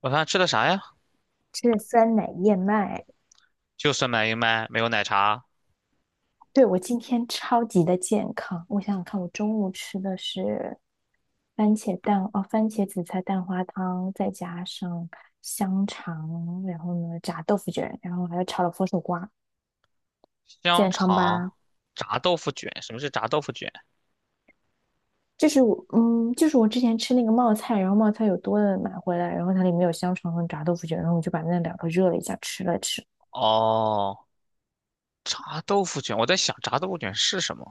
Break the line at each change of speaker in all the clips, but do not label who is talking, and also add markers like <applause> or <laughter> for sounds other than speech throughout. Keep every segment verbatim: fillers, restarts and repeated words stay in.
晚饭吃的啥呀？
吃了酸奶燕麦。
就酸奶燕麦，没有奶茶，
对，我今天超级的健康，我想想看，我中午吃的是番茄蛋哦，番茄紫菜蛋花汤，再加上香肠，然后呢炸豆腐卷，然后还有炒了佛手瓜，
香
健康
肠，
吧？
炸豆腐卷。什么是炸豆腐卷？
就是我嗯，就是我之前吃那个冒菜，然后冒菜有多的买回来，然后它里面有香肠和炸豆腐卷，然后我就把那两个热了一下吃了吃。
哦，炸豆腐卷，我在想炸豆腐卷是什么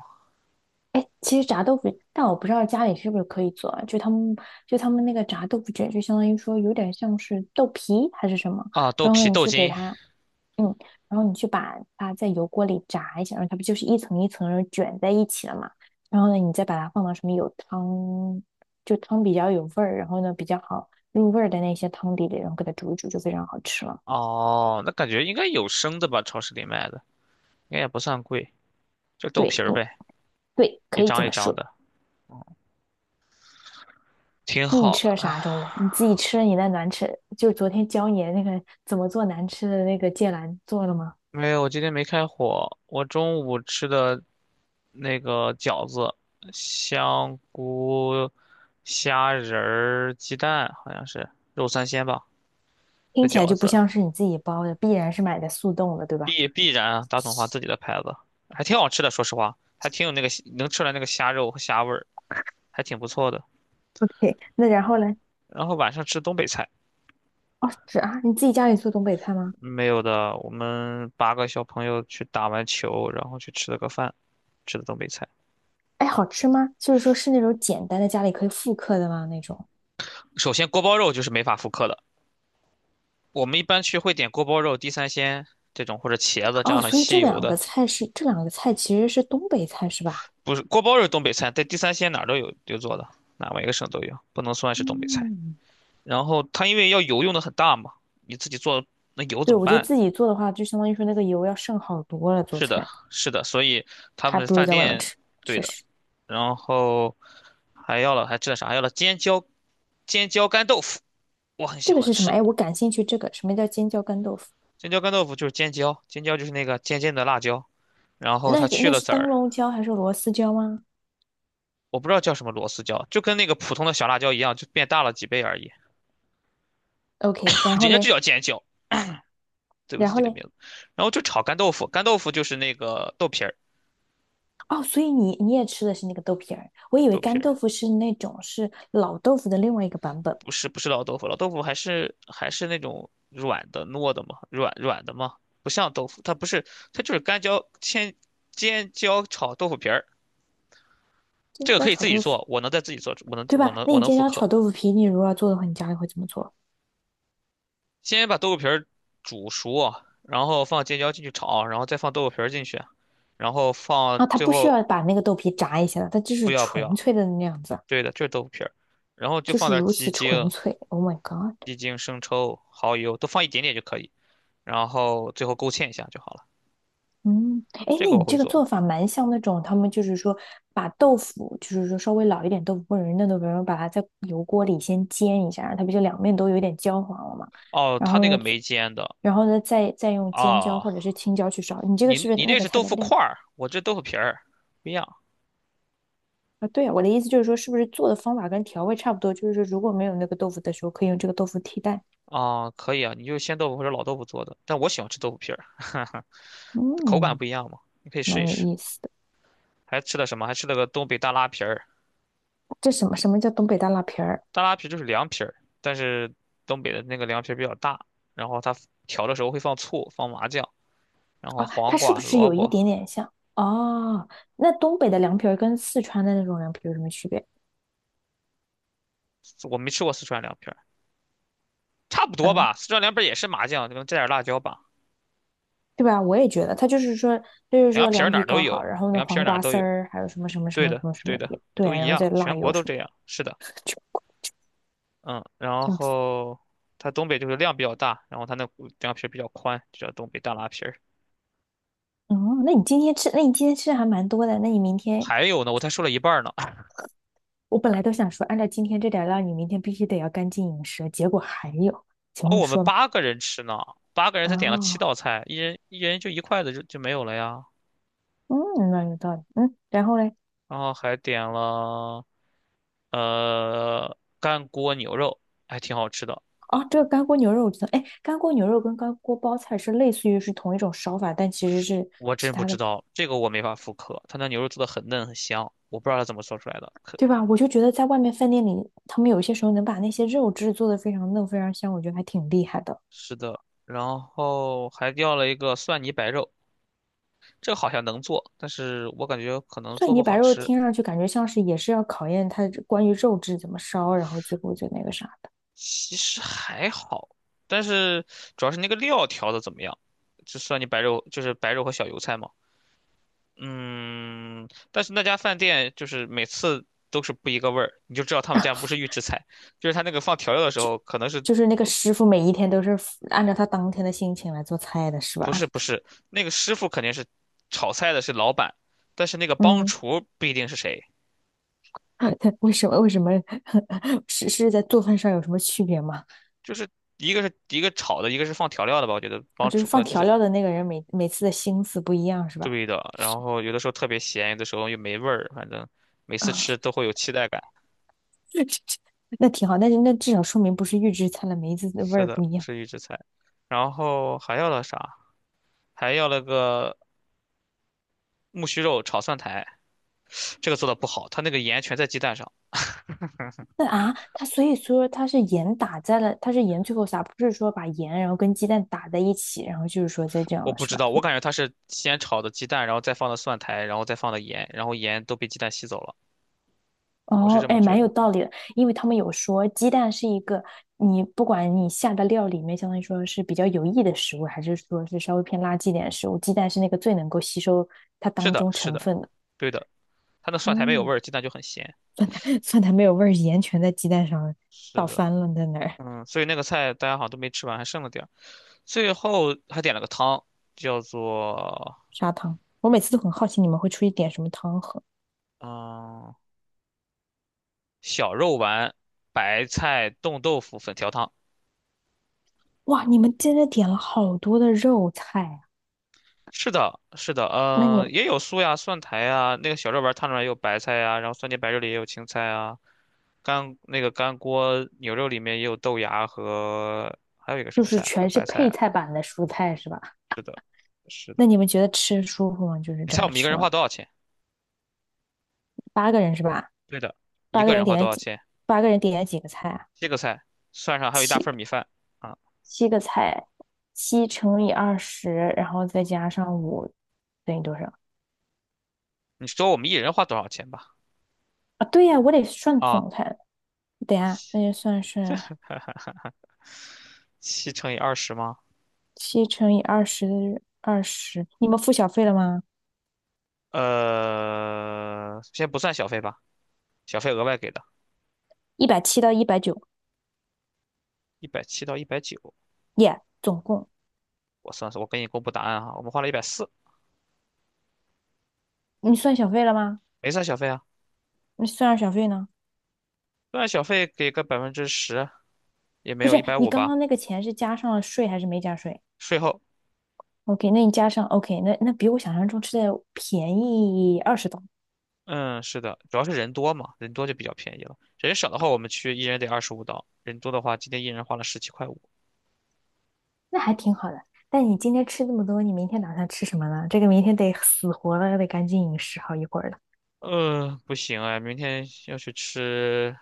哎，其实炸豆腐，但我不知道家里是不是可以做啊就他们，就他们那个炸豆腐卷，就相当于说有点像是豆皮还是什么，
啊？豆
然后
皮、
呢，你
豆
去给
筋。
它，嗯，然后你去把它在油锅里炸一下，然后它不就是一层一层的卷在一起了嘛？然后呢，你再把它放到什么有汤，就汤比较有味儿，然后呢比较好入味儿的那些汤底里，然后给它煮一煮，就非常好吃了。
哦，那感觉应该有生的吧？超市里卖的应该也不算贵，就豆
对，
皮儿
嗯，
呗，
对，
一
可以这
张一
么
张
说。
的，挺
那你
好
吃了啥
的。
中午？你自己吃了你那难吃，就昨天教你的那个怎么做难吃的那个芥蓝做了吗？
没有，我今天没开火，我中午吃的那个饺子，香菇、虾仁儿、鸡蛋，好像是肉三鲜吧。的
听起来
饺
就不
子，
像是你自己包的，必然是买的速冻的，对吧
必必然大统华自己的牌子，还挺好吃的。说实话，还挺有那个能吃出来那个虾肉和虾味儿，还挺不错的。
？OK，<laughs> 那然后呢？
然后晚上吃东北菜，
哦，是啊，你自己家里做东北菜吗？
没有的，我们八个小朋友去打完球，然后去吃了个饭，吃的东北菜。
哎，好吃吗？就是说是那种简单的家里可以复刻的吗？那种？
首先锅包肉就是没法复刻的，我们一般去会点锅包肉、地三鲜这种或者茄子这
哦，
样很
所以
吸
这
油
两个
的，
菜是这两个菜其实是东北菜是吧？
不是锅包肉是东北菜，在地三鲜哪儿都有有做的，哪每个省都有，不能算是东北菜。
嗯，
然后它因为要油用的很大嘛，你自己做那油怎
对，
么
我觉得
办？
自己做的话，就相当于说那个油要剩好多了，做
是的，
菜
是的，所以他
还
们
不如
饭
在外面
店
吃，
对
确
的，
实。
然后还要了还吃了啥？还要了尖椒尖椒干豆腐，我很
这
喜
个
欢
是什么？
吃
哎，我感兴趣。这个什么叫尖椒干豆腐？
尖椒干豆腐，就是尖椒，尖椒就是那个尖尖的辣椒，然后
那
它
个
去
那
了
是
籽
灯
儿，
笼椒还是螺丝椒吗
我不知道叫什么螺丝椒，就跟那个普通的小辣椒一样，就变大了几倍而已。
？OK，然
<laughs>
后
人家就
嘞，
叫尖椒，对不自
然
己
后
的
嘞，
名字，然后就炒干豆腐，干豆腐就是那个豆皮儿，
哦，所以你你也吃的是那个豆皮儿，我以为
豆皮
干
儿。
豆腐是那种是老豆腐的另外一个版本，
不是不是老豆腐，老豆腐还是还是那种软的糯的嘛，软软的嘛，不像豆腐，它不是，它就是干椒煎尖椒炒豆腐皮儿，这
尖
个
椒
可以
炒
自己
豆腐，
做，我能在自己做，我能
对
我
吧？
能
那
我
你
能
尖
复
椒炒
刻。
豆腐皮，你如果要做的话，你家里会怎么做？
先把豆腐皮儿煮熟，然后放尖椒进去炒，然后再放豆腐皮儿进去，然后
啊，
放
它
最
不需
后
要把那个豆皮炸一下的，它就
不
是
要不
纯
要，
粹的那样子，
对的，就是豆腐皮儿，然后就
就
放
是
点
如
鸡
此纯
精、
粹。Oh my god！
鸡精、生抽、蚝油，都放一点点就可以，然后最后勾芡一下就好了。
嗯，哎，
这
那
个我
你
会
这个
做。
做法蛮像那种，他们就是说把豆腐，就是说稍微老一点豆腐或者是嫩豆腐，然后把它在油锅里先煎一下，它不就两面都有点焦黄了嘛？
哦，
然
他
后
那个
呢，最
没煎的
然后呢，再再用尖椒
啊，
或者是青椒去烧。你这个
你
是不是
你
那
那
个
是
菜
豆
的
腐
另
块儿，我这豆腐皮儿不一样
啊？对啊，我的意思就是说，是不是做的方法跟调味差不多？就是说，如果没有那个豆腐的时候，可以用这个豆腐替代。
啊，可以啊，你就鲜豆腐或者老豆腐做的，但我喜欢吃豆腐皮儿。<laughs> 口感
嗯，
不一样嘛，你可以试
蛮
一
有
试。
意思的。
还吃了什么？还吃了个东北大拉皮儿，
这什么什么叫东北大辣皮儿？
大拉皮就是凉皮儿，但是东北的那个凉皮儿比较大，然后它调的时候会放醋、放麻酱，然后
哦，它
黄
是不
瓜、
是
萝
有一
卜，
点点像？哦，那东北的凉皮儿跟四川的那种凉皮有什么区别？
我没吃过四川凉皮儿，差不多
嗯，
吧，四川凉皮儿也是麻酱，可能加点辣椒吧，
对吧？我也觉得，它就是说，它就是
凉
说
皮儿
凉
哪
皮
儿都
搞好，
有，
然后呢，
凉皮儿
黄
哪儿
瓜
都
丝
有。
儿，还有什么什么什
对
么什
的，
么什
对
么
的，
也对
都
啊，
一
然后
样，
再辣
全国
油
都
什么
这样。是的，
的，就
嗯，然
这样子。
后它东北就是量比较大，然后它那骨凉皮儿比较宽，就叫东北大拉皮儿。
哦，那你今天吃，那你今天吃的还蛮多的，那你明天，
还有呢，我才说了一半儿呢。<laughs>
我本来都想说，按照今天这点儿量你明天必须得要干净饮食，结果还有，请
哦，
问你
我们
说吧。
八个人吃呢，八个人才点了七
啊，
道菜，一人一人就一筷子就就没有了呀。
嗯，那有道理，嗯，然后嘞？
然后还点了呃干锅牛肉，还挺好吃的。
哦，这个干锅牛肉我知道，哎，干锅牛肉跟干锅包菜是类似于是同一种烧法，但其实是
我
其
真不
他
知
的，
道这个我没法复刻，它那牛肉做的很嫩很香，我不知道它怎么做出来的，
对吧？我就觉得在外面饭店里，他们有些时候能把那些肉质做得非常嫩、非常香，我觉得还挺厉害的。
是的，然后还要了一个蒜泥白肉，这个好像能做，但是我感觉可能
蒜
做不
泥
好
白肉
吃。
听上去感觉像是也是要考验它关于肉质怎么烧，然后最后就那个啥的，
其实还好，但是主要是那个料调的怎么样？就蒜泥白肉，就是白肉和小油菜嘛。嗯，但是那家饭店就是每次都是不一个味儿，你就知道他们家不是预制菜，就是他那个放调料的时候，可能是
就是那个师傅每一天都是按照他当天的心情来做菜的，是吧？
不是不是那个师傅肯定是炒菜的是老板，但是那个帮
嗯，
厨不一定是谁。
<laughs> 为什么为什么 <laughs> 是是在做饭上有什么区别吗？
就是一个是一个炒的，一个是放调料的吧，我觉得
啊，
帮
就是
助可
放
能就
调
是
料的那个人每每次的心思不一样，是吧？
对的。然后有的时候特别咸，有的时候又没味儿，反正每次
啊，
吃都会有期待感。
<laughs> 那挺好，但是那至少说明不是预制菜了，每一次的味
是
儿不
的，
一
不
样。
是预制菜。然后还要了啥？还要了个木须肉炒蒜苔，这个做的不好，它那个盐全在鸡蛋上，
那啊，它所以说它是盐打在了，它是盐最后撒，不是说把盐然后跟鸡蛋打在一起，然后就是说再这样
我
了，
不
是
知
吧？
道，我
所以
感觉它是先炒的鸡蛋，然后再放的蒜苔，然后再放的盐，然后盐都被鸡蛋吸走了，我是
哦，
这么
哎，
觉
蛮
得。
有道理的，因为他们有说鸡蛋是一个你不管你下的料里面，相当于说是比较有益的食物，还是说是稍微偏垃圾一点的食物，鸡蛋是那个最能够吸收它
是
当
的，
中
是
成
的，
分的。
对的，它那蒜苔没有味
嗯。
儿，鸡蛋就很咸。
<laughs> 饭苔没有味儿，盐全在鸡蛋上
是
倒
的。
翻了，在那儿
嗯，所以那个菜大家好像都没吃完，还剩了点儿。最后还点了个汤，叫做
砂糖。我每次都很好奇你们会出去点什么汤喝。
嗯小肉丸白菜冻豆腐粉条汤。
哇，你们真的点了好多的肉菜啊！
是的，是的，
那你
嗯，也有酥呀、蒜苔呀，那个小肉丸汤里面也有白菜呀，然后酸甜白肉里也有青菜啊，干那个干锅牛肉里面也有豆芽和还有一个
就
什么菜
是
啊，还有
全是
白菜
配
啊。
菜版的蔬菜是吧？
是的，是
那
的。
你们觉得吃舒服吗？就是
你猜
整
我
个
们一个
吃
人
完，
花多少钱？
八个人是吧？
对的，一
八个
个
人
人花
点
多
了
少
几？
钱？
八个人点了几个菜啊？
这个菜算上还有一大
七
份儿米饭。啊。
七个菜，七乘以二十，然后再加上五，等于多少
你说我们一人花多少钱吧？
啊？对呀，我得算
啊，
总菜。等一下，那就算是
七乘以二十吗？
七乘以二十，二十，你们付小费了吗？
呃，先不算小费吧，小费额外给的，
一百七到一百九，
一百七到一百九，
耶，总共。
我算算，我给你公布答案哈，我们花了一百四，
你算小费了吗？
没算小费啊，
你算上小费呢？
算小费给个百分之十，也没
不
有一
是，
百
你
五
刚
吧，
刚那个钱是加上了税还是没加税
税后，
？OK，那你加上 OK，那那比我想象中吃的便宜二十刀，
嗯，是的，主要是人多嘛，人多就比较便宜了，人少的话我们去一人得二十五刀，人多的话今天一人花了十七块五。
那还挺好的。但你今天吃这么多，你明天打算吃什么呢？这个明天得死活了，得赶紧饮食好一会儿了。
呃，不行哎，明天要去吃，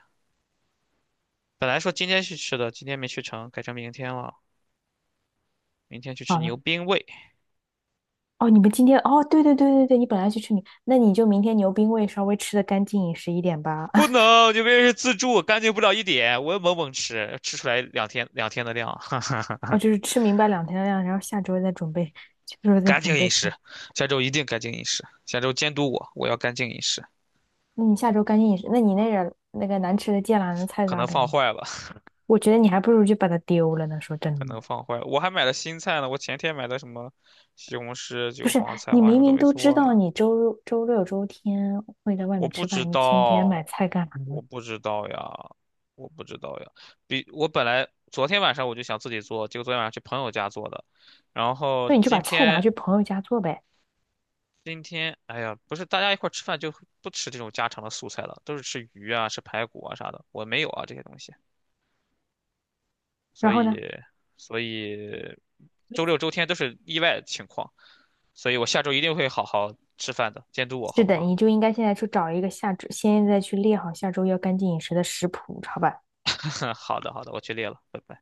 本来说今天去吃的，今天没去成，改成明天了。明天去吃
好
牛
了，
冰味，
哦，你们今天哦，对对对对对，你本来去吃米，那你就明天牛冰味稍微吃的干净饮食一点吧。
不
<laughs>
能，牛冰是自助，干净不了一点。我要猛猛吃，吃出来两天两天的量。<laughs>
哦，就是吃明白两天的量，然后下周再准备，下周再
干
准
净饮
备啊。
食，下周一定干净饮食。下周监督我，我要干净饮食。
那你下周干净饮食，那你那个那个难吃的芥蓝的菜
可
咋
能放
整？
坏了，
我觉得你还不如就把它丢了呢。说真
可能
的，
放坏了。我还买了新菜呢，我前天买的什么西红柿、
不
韭
是
黄、菜
你
花什
明
么都
明
没
都知
做呢。
道你周周六周天会在外
我
面
不
吃
知
饭，你前天买
道，
菜干嘛
我
呢？
不知道呀，我不知道呀。比我本来昨天晚上我就想自己做，结果昨天晚上去朋友家做的，然后
那你就把
今
菜拿
天
去朋友家做呗。
今天，哎呀，不是大家一块儿吃饭就不吃这种家常的素菜了，都是吃鱼啊、吃排骨啊啥的。我没有啊这些东西，所
然后
以，
呢，
所以周六周天都是意外情况，所以我下周一定会好好吃饭的，监督我好
是
不
的，
好？
你就应该现在去找一个下周，现在去列好下周要干净饮食的食谱，好吧？
<laughs> 好的，好的，我去列了。拜拜。